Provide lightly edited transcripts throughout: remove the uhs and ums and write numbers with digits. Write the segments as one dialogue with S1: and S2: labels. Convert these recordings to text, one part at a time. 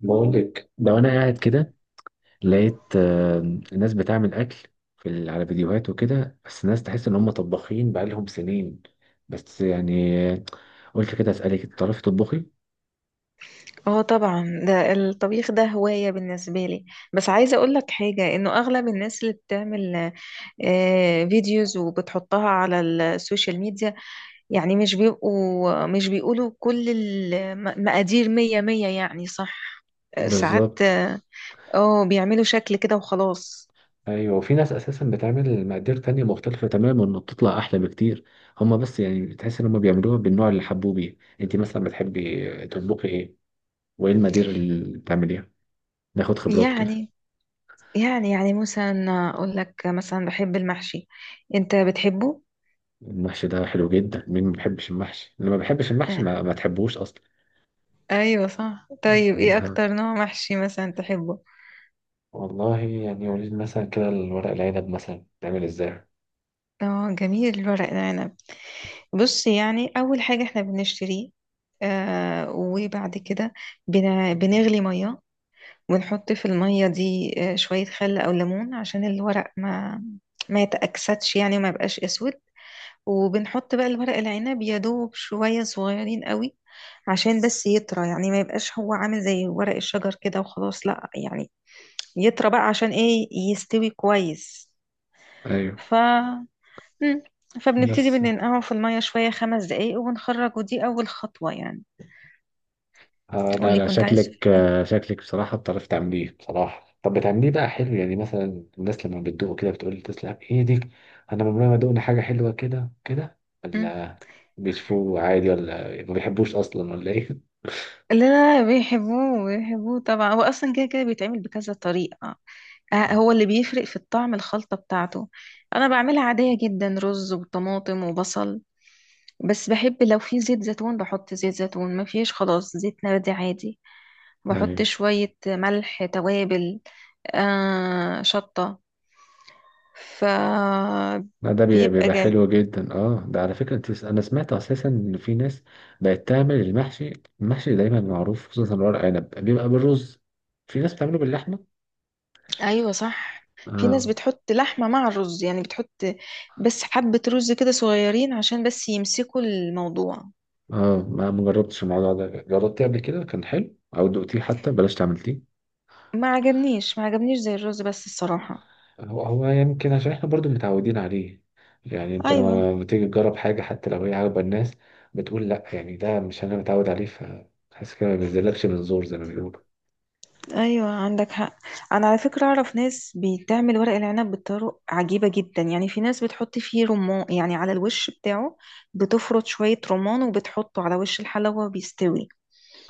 S1: بقول لك لو انا قاعد كده لقيت الناس بتعمل اكل على فيديوهات وكده، بس الناس تحس ان هم طباخين بقالهم سنين. بس يعني قلت كده اسالك، انت تعرفي تطبخي؟
S2: اه، طبعا. ده الطبيخ ده هواية بالنسبة لي. بس عايزة اقول لك حاجة، انه اغلب الناس اللي بتعمل فيديوز وبتحطها على السوشيال ميديا، يعني مش بيقولوا كل المقادير مية مية، يعني صح. ساعات
S1: بالظبط.
S2: بيعملوا شكل كده وخلاص.
S1: ايوه، وفي ناس اساسا بتعمل مقادير تانية مختلفة تماما وبتطلع احلى بكتير. هم بس يعني تحس ان هم بيعملوها بالنوع اللي حبوه بيه. انت مثلا بتحبي تطبخي ايه، وايه المقادير اللي بتعمليها؟ ناخد خبرات كده.
S2: يعني يعني مثلا اقول لك، مثلا بحب المحشي. انت بتحبه؟
S1: المحشي ده حلو جدا، مين ما بيحبش المحشي؟ اللي ما بيحبش المحشي
S2: آه،
S1: ما تحبوش اصلا.
S2: ايوه صح. طيب ايه اكتر
S1: بالظبط.
S2: نوع محشي مثلا تحبه؟
S1: والله يعني قولي لي مثلا كده، الورق العنب مثلا بتعمل ازاي؟
S2: اه جميل الورق العنب. بص، يعني اول حاجه احنا بنشتريه. آه، وبعد كده بنغلي ميه ونحط في الميه دي شويه خل او ليمون، عشان الورق ما يتأكسدش يعني، وما يبقاش اسود. وبنحط بقى الورق العنب يا دوب شويه صغيرين قوي، عشان بس يطرى، يعني ما يبقاش هو عامل زي ورق الشجر كده وخلاص، لا يعني يطرى بقى عشان ايه يستوي كويس.
S1: ايوه،
S2: ف مم. فبنبتدي
S1: بس
S2: بننقعه في المية شوية خمس دقايق وبنخرج، ودي أول خطوة يعني.
S1: لا
S2: واللي
S1: لا،
S2: كنت عايز
S1: شكلك
S2: تقوليها.
S1: شكلك بصراحة بتعرف تعمليه. بصراحة طب بتعمليه بقى حلو؟ يعني مثلا الناس لما بتدوقه كده بتقول تسلم ايدك، انا عمري ما دقنا حاجة حلوة كده؟ كده
S2: مم.
S1: ولا بيشوفوه عادي، ولا ما بيحبوش اصلا، ولا ايه؟
S2: لا لا، بيحبوه بيحبوه طبعا. هو أصلا كده كده بيتعمل بكذا طريقة. هو اللي بيفرق في الطعم الخلطة بتاعته. أنا بعملها عادية جدا، رز وطماطم وبصل. بس بحب لو في زيت زيتون بحط زيت زيتون، ما فيش خلاص زيت نباتي عادي. بحط
S1: ايوه.
S2: شوية ملح توابل، شطة. ف
S1: لا ده
S2: بيبقى
S1: بيبقى
S2: جميل.
S1: حلو جدا. اه، ده على فكرة، انا سمعت اساسا ان في ناس بقت تعمل المحشي. المحشي دايما معروف خصوصا ورق عنب بيبقى بالرز، في ناس بتعمله باللحمة.
S2: ايوه صح. في ناس
S1: اه.
S2: بتحط لحمة مع الرز، يعني بتحط بس حبة رز كده صغيرين عشان بس يمسكوا الموضوع.
S1: اه، ما جربتش الموضوع ده. جربتيه قبل كده كان حلو، او دقتيه حتى بلاش تعملتيه؟
S2: ما عجبنيش زي الرز بس الصراحة.
S1: هو يمكن عشان احنا برضو متعودين عليه، يعني انت
S2: ايوه.
S1: لما بتيجي تجرب حاجة حتى لو هي عاجبة الناس بتقول لا يعني ده مش انا متعود عليه، فحاسس كده ما بينزلكش من زور زي ما بيقولوا.
S2: ايوه عندك حق. انا على فكرة اعرف ناس بتعمل ورق العنب بطرق عجيبة جدا، يعني في ناس بتحط فيه رمان، يعني على الوش بتاعه، بتفرط شوية رمان وبتحطه على وش الحلوة بيستوي.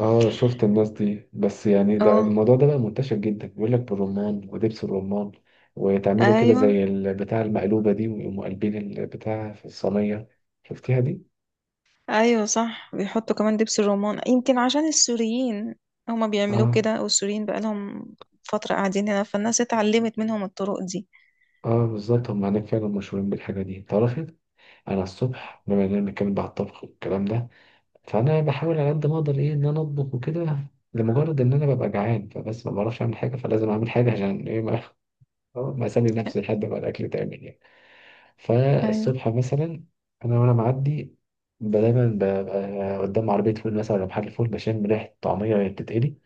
S1: اه شفت الناس دي، بس يعني ده
S2: اه.
S1: الموضوع ده بقى منتشر جدا، بيقول لك بالرمان ودبس الرمان، وتعملوا كده
S2: ايوه.
S1: زي البتاع المقلوبة دي، ويقوموا قلبين البتاع في الصينية. شفتيها دي؟
S2: ايوه صح. بيحطوا كمان دبس الرمان، يمكن عشان السوريين هما بيعملوه
S1: اه.
S2: كده، والسوريين بقالهم فترة قاعدين هنا، فالناس اتعلمت منهم الطرق دي.
S1: اه بالظبط، هم هناك فعلا مشهورين بالحاجة دي. تعرفي انا الصبح، بما اننا بنتكلم بقى على الطبخ والكلام ده، فانا بحاول على قد ما اقدر، ايه، ان انا اطبخ وكده، لمجرد ان انا ببقى جعان، فبس ما بعرفش اعمل حاجة، فلازم اعمل حاجة عشان ايه ما, ما اسلي نفسي لحد ما الاكل يتعمل يعني.
S2: ايوه.
S1: فالصبح مثلا انا وانا معدي دايما ببقى قدام عربيه فول مثلا ولا محل فول، بشم ريحه طعميه وهي بتتقلي،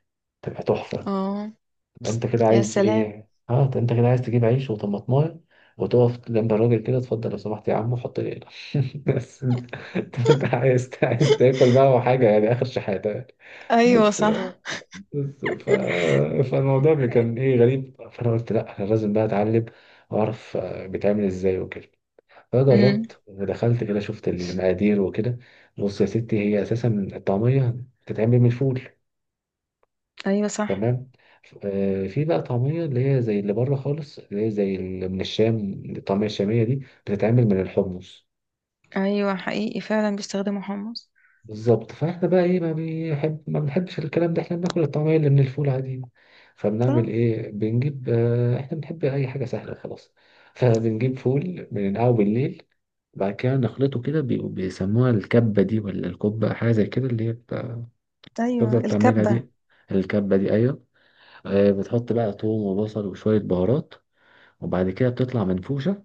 S1: تبقى تحفه.
S2: اه
S1: تبقى انت كده
S2: يا
S1: عايز
S2: سلام.
S1: ايه، اه، أنت كده عايز تجيب عيش وطماطمايه وتقف جنب الراجل كده، اتفضل لو سمحت يا عم وحط لي هنا. بس انت، طب أنت عايز تاكل بقى وحاجه، يعني اخر شحاته يعني.
S2: ايوه
S1: بس
S2: صح.
S1: بس فالموضوع كان ايه غريب، فانا قلت لا، انا لازم بقى اتعلم واعرف بيتعمل ازاي وكده.
S2: امم.
S1: فجربت ودخلت كده، شفت المقادير وكده. بص يا ستي، هي اساسا الطعميه بتتعمل من الفول.
S2: ايوه صح.
S1: تمام. في بقى طعميه اللي هي زي اللي بره خالص، اللي هي زي اللي من الشام، الطعميه الشاميه دي بتتعمل من الحمص.
S2: ايوه حقيقي فعلا بيستخدموا حمص.
S1: بالظبط. فاحنا بقى ايه، ما بنحبش الكلام ده، احنا بناكل الطعمية اللي من الفول عادي.
S2: صح.
S1: فبنعمل ايه، بنجيب احنا بنحب اي حاجة سهلة وخلاص. فبنجيب فول بننقعه بالليل، بعد كده نخلطه كده، بيسموها الكبة دي ولا الكبة، حاجة زي كده اللي هي
S2: ايوه
S1: بتفضل تعملها
S2: الكبة.
S1: دي، الكبة دي، ايوه.
S2: مم.
S1: بتحط بقى توم وبصل وشوية بهارات، وبعد كده بتطلع منفوشة.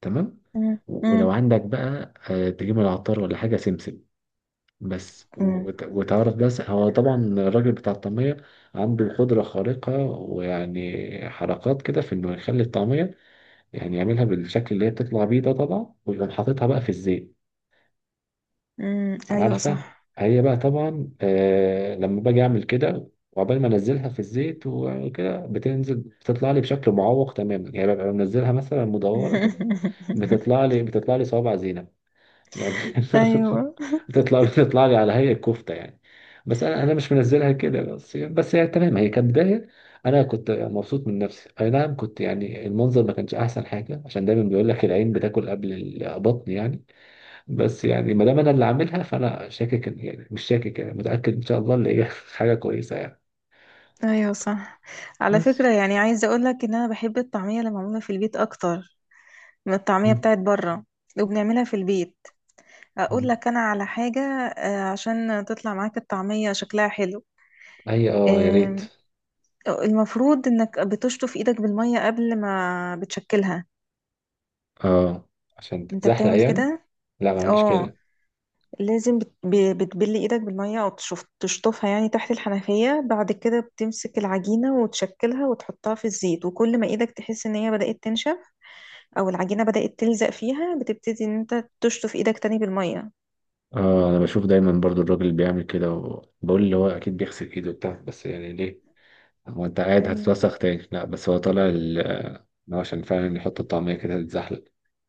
S1: تمام.
S2: مم.
S1: ولو
S2: مم.
S1: عندك بقى تجيب من العطار ولا حاجة سمسم، بس
S2: مم.
S1: وتعرف بس، هو طبعا الراجل بتاع الطعمية عنده قدرة خارقة، ويعني حركات كده في انه يخلي الطعمية، يعني يعملها بالشكل اللي هي بتطلع بيه ده طبعا، ويقوم حاططها بقى في الزيت.
S2: مم. ايوه
S1: عارفة،
S2: صح.
S1: هي بقى طبعا لما باجي اعمل كده، وعقبال ما انزلها في الزيت وكده بتنزل، بتطلع لي بشكل معوق تماما يعني، ببقى منزلها مثلا مدورة كده، بتطلع لي صوابع زينة يعني.
S2: ايوه.
S1: بتطلع لي على هيئة كفتة يعني. بس انا مش منزلها كده، بس يعني، بس هي تمام هي كبداية. انا كنت مبسوط من نفسي، اي نعم كنت، يعني المنظر ما كانش احسن حاجة، عشان دايما بيقول لك العين بتاكل قبل البطن يعني. بس يعني ما دام انا اللي عاملها، فانا شاكك يعني مش شاكك، يعني متأكد ان شاء الله اللي هي حاجة كويسة يعني.
S2: ايوه صح. على
S1: بس
S2: فكرة يعني عايزة اقولك ان انا بحب الطعمية اللي معمولة في البيت اكتر من الطعمية
S1: مم.
S2: بتاعت بره. وبنعملها في البيت. اقول لك انا على حاجة، عشان تطلع معاك الطعمية شكلها حلو.
S1: هي اه يا ريت.
S2: آم، المفروض انك بتشطف ايدك بالمية قبل ما بتشكلها.
S1: اه عشان
S2: انت
S1: تتزحلق
S2: بتعمل
S1: يعني.
S2: كده؟
S1: لا ما اعملش
S2: اه،
S1: كده.
S2: لازم بتبلي ايدك بالمية، او تشطفها يعني تحت الحنفية، بعد كده بتمسك العجينة وتشكلها وتحطها في الزيت، وكل ما ايدك تحس ان هي بدأت تنشف او العجينة بدأت تلزق فيها، بتبتدي ان انت تشطف ايدك تاني بالمية.
S1: اه انا بشوف دايما برضو الراجل اللي بيعمل كده، وبقول اللي هو اكيد بيغسل ايده بتاع، بس يعني ليه؟ هو انت قاعد
S2: ايوه.
S1: هتتوسخ تاني؟ لا، بس هو طالع إن هو عشان فعلا يحط الطعمية كده تتزحلق.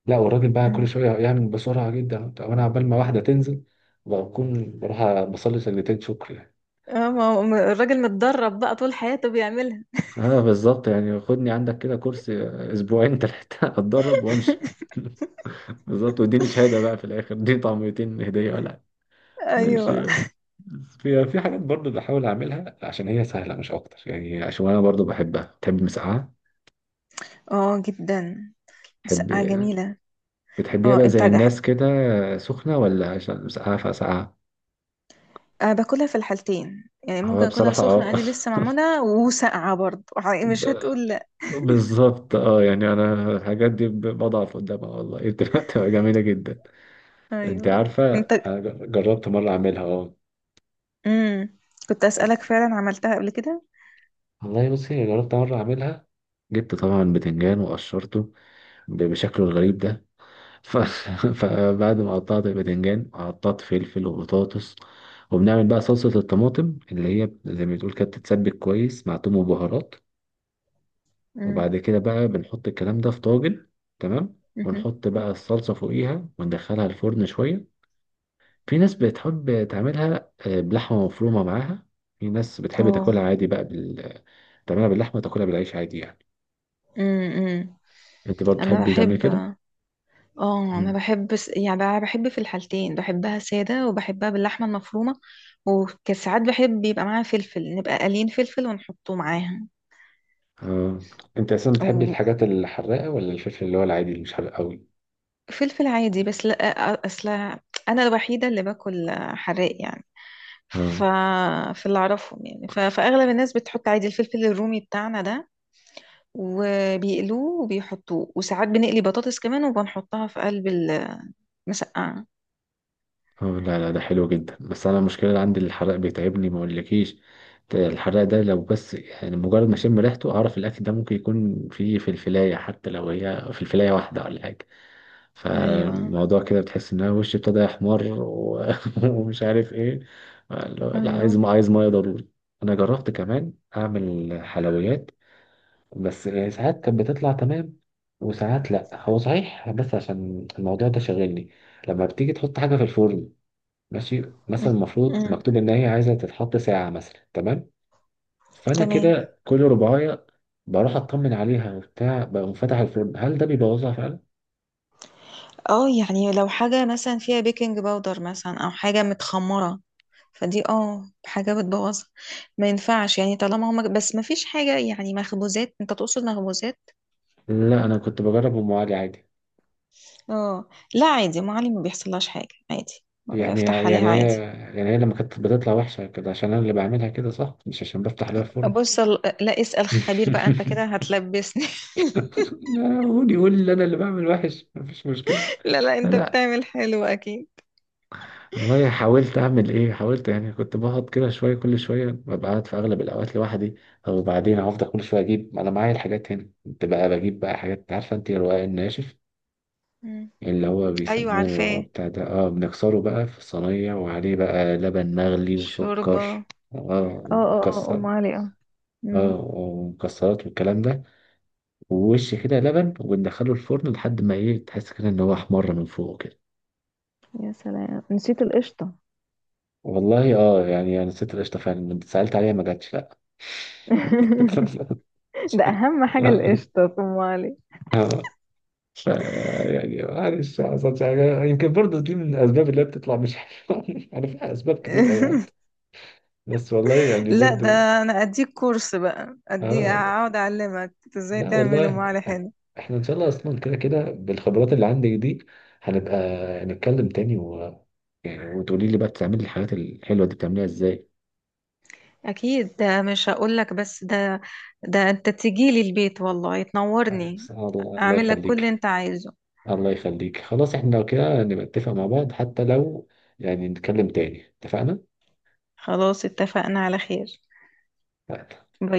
S1: لا، والراجل بقى كل
S2: أمم.
S1: شوية يعمل بسرعة جدا، وانا عبال ما واحدة تنزل بكون بروح بصلي سجدتين شكر يعني.
S2: اه، ما الراجل متدرب بقى طول حياته بيعملها.
S1: اه بالظبط، يعني خدني عندك كده كرسي، اسبوعين تلاتة اتدرب وامشي. بالظبط، واديني شهادة بقى في الاخر، دي طعميتين هدية ولا،
S2: ايوه.
S1: ماشي. في حاجات برضو بحاول اعملها عشان هي سهله مش اكتر يعني، عشان انا برضو بحبها. بتحب مسقعه؟
S2: اه جدا. مسقعة
S1: بتحب؟
S2: جميلة.
S1: بتحبيها
S2: اه،
S1: بقى زي الناس كده سخنه، ولا عشان مسقعه فسقعه؟
S2: أنا باكلها في الحالتين، يعني
S1: هو
S2: ممكن اكلها
S1: بصراحه
S2: سخنة
S1: اه
S2: عادي لسه معمولة، وساقعة برضه، مش
S1: ب-
S2: هتقول لا.
S1: بالظبط، اه يعني انا الحاجات دي بضعف قدامها والله. إيه، بتبقى جميله جدا. انت
S2: ايوه
S1: عارفه
S2: انت.
S1: انا جربت مره اعملها اه.
S2: امم. كنت
S1: بس
S2: أسألك فعلا عملتها قبل كده؟
S1: والله بصي، جربت مره اعملها، جبت طبعا بتنجان وقشرته بشكله الغريب ده. ف... فبعد ما قطعت الباذنجان قطعت فلفل وبطاطس، وبنعمل بقى صلصة الطماطم اللي هي زي ما بتقول كده، بتتسبك كويس مع توم وبهارات.
S2: امم.
S1: وبعد كده بقى بنحط الكلام ده في طاجن، تمام،
S2: امم.
S1: ونحط بقى الصلصة فوقيها وندخلها الفرن شوية. في ناس بتحب تعملها بلحمة مفرومة معاها، في ناس بتحب
S2: اه.
S1: تاكلها عادي بقى تعملها باللحمة تاكلها بالعيش عادي يعني.
S2: امم.
S1: انت برضه
S2: انا
S1: بتحبي تعملي
S2: بحب.
S1: كده؟
S2: اه انا
S1: مم.
S2: بحب يعني أنا بحب في الحالتين، بحبها سادة وبحبها باللحمة المفرومة. وكساعات بحب يبقى معاها فلفل، نبقى قالين فلفل ونحطه معاها.
S1: اه، انت اصلا بتحبي الحاجات الحراقة ولا الفلفل اللي هو العادي اللي مش حراق قوي؟
S2: وفلفل عادي. بس لا، اصل انا الوحيدة اللي باكل حراق يعني. ف
S1: اه.
S2: في اللي اعرفهم يعني، فاغلب الناس بتحط عادي الفلفل الرومي بتاعنا ده، وبيقلوه وبيحطوه. وساعات بنقلي بطاطس كمان وبنحطها في قلب المسقعة.
S1: اه، لا لا ده حلو جدا، بس انا المشكله اللي عندي الحرق بيتعبني ما اقولكيش. ده الحرق ده لو بس يعني مجرد ما اشم ريحته اعرف الاكل ده ممكن يكون فيه فلفلايه، حتى لو هي فلفلايه واحده ولا حاجه،
S2: ايوه.
S1: فالموضوع كده بتحس ان انا وشي ابتدى يحمر ومش عارف ايه. لا، لا،
S2: ايوه.
S1: عايز ما عايز ميه ضروري. انا جربت كمان اعمل حلويات، بس ساعات كانت بتطلع تمام وساعات لا. هو صحيح بس عشان الموضوع ده شاغلني، لما بتيجي تحط حاجة في الفرن ماشي،
S2: مم.
S1: مثلا المفروض
S2: مم.
S1: مكتوب ان هي عايزه تتحط ساعه مثلا، تمام، فانا
S2: تمام.
S1: كده كل رباعيه بروح اطمن عليها وبتاع، بقوم فاتح الفرن، هل ده بيبوظها فعلا؟
S2: اه يعني لو حاجة مثلا فيها بيكنج باودر مثلا، او حاجة متخمرة، فدي حاجة بتبوظها. ما ينفعش يعني، طالما هما بس ما فيش حاجة، يعني مخبوزات، انت تقصد مخبوزات.
S1: لا، انا كنت بجرب ام علي عادي.
S2: اه لا، عادي، أم علي ما بيحصلهاش حاجة عادي.
S1: يعني
S2: افتح
S1: يعني
S2: عليها
S1: هي
S2: عادي.
S1: يعني هي لما كانت بتطلع وحشه كده عشان انا اللي بعملها كده صح، مش عشان بفتح لها الفرن؟
S2: لا، اسأل خبير بقى، انت كده هتلبسني.
S1: لا قول، يقول لي انا اللي بعمل وحش مفيش مشكله.
S2: لا لا، انت
S1: انا
S2: بتعمل حلو اكيد.
S1: والله حاولت اعمل، ايه حاولت يعني، كنت بقعد كده شويه كل شويه، ببقى قاعد في اغلب الاوقات لوحدي، وبعدين افضل كل شويه اجيب انا معايا الحاجات هنا، كنت بقى بجيب بقى حاجات. عارفه انت الرقاق الناشف
S2: مم.
S1: اللي هو
S2: ايوه
S1: بيسموه
S2: عارفاه.
S1: بتاع ده، اه، بنكسره بقى في صينيه وعليه بقى لبن مغلي
S2: الشوربة اه.
S1: وسكر. اه
S2: اه. اه ام
S1: مكسر،
S2: علي اه.
S1: اه
S2: مم.
S1: ومكسرات والكلام ده، ووش كده لبن، وبندخله الفرن لحد ما، ايه، تحس كده ان هو احمر من فوق كده.
S2: يا سلام، نسيت القشطة.
S1: والله اه، يعني انا ست القشطه فعلا لما سالت عليها ما جاتش، لا.
S2: ده اهم حاجة، القشطة في ام علي.
S1: اه ف- يعني معلش ما حصلش حاجه، يمكن برضه دي من الاسباب اللي هي بتطلع مش حلوه. يعني فيها اسباب كتير قوي يعني، بس والله يعني
S2: لا
S1: برضه.
S2: ده، انا اديك كورس بقى، اديك
S1: اه،
S2: اقعد اعلمك ازاي
S1: لا
S2: تعمل ام
S1: والله،
S2: علي حلو.
S1: احنا ان شاء الله اصلا كده كده بالخبرات اللي عندي دي هنبقى نتكلم تاني يعني، وتقولي لي بقى بتعملي الحاجات الحلوه دي بتعمليها ازاي.
S2: اكيد، ده مش هقولك بس. ده ده انت تجيلي البيت والله تنورني.
S1: سبحان الله، الله
S2: اعمل لك كل اللي
S1: يخليك.
S2: انت عايزه.
S1: الله يخليك، خلاص احنا لو كده نبقى نتفق مع بعض، حتى لو يعني نتكلم تاني، اتفقنا؟
S2: خلاص اتفقنا على خير. باي.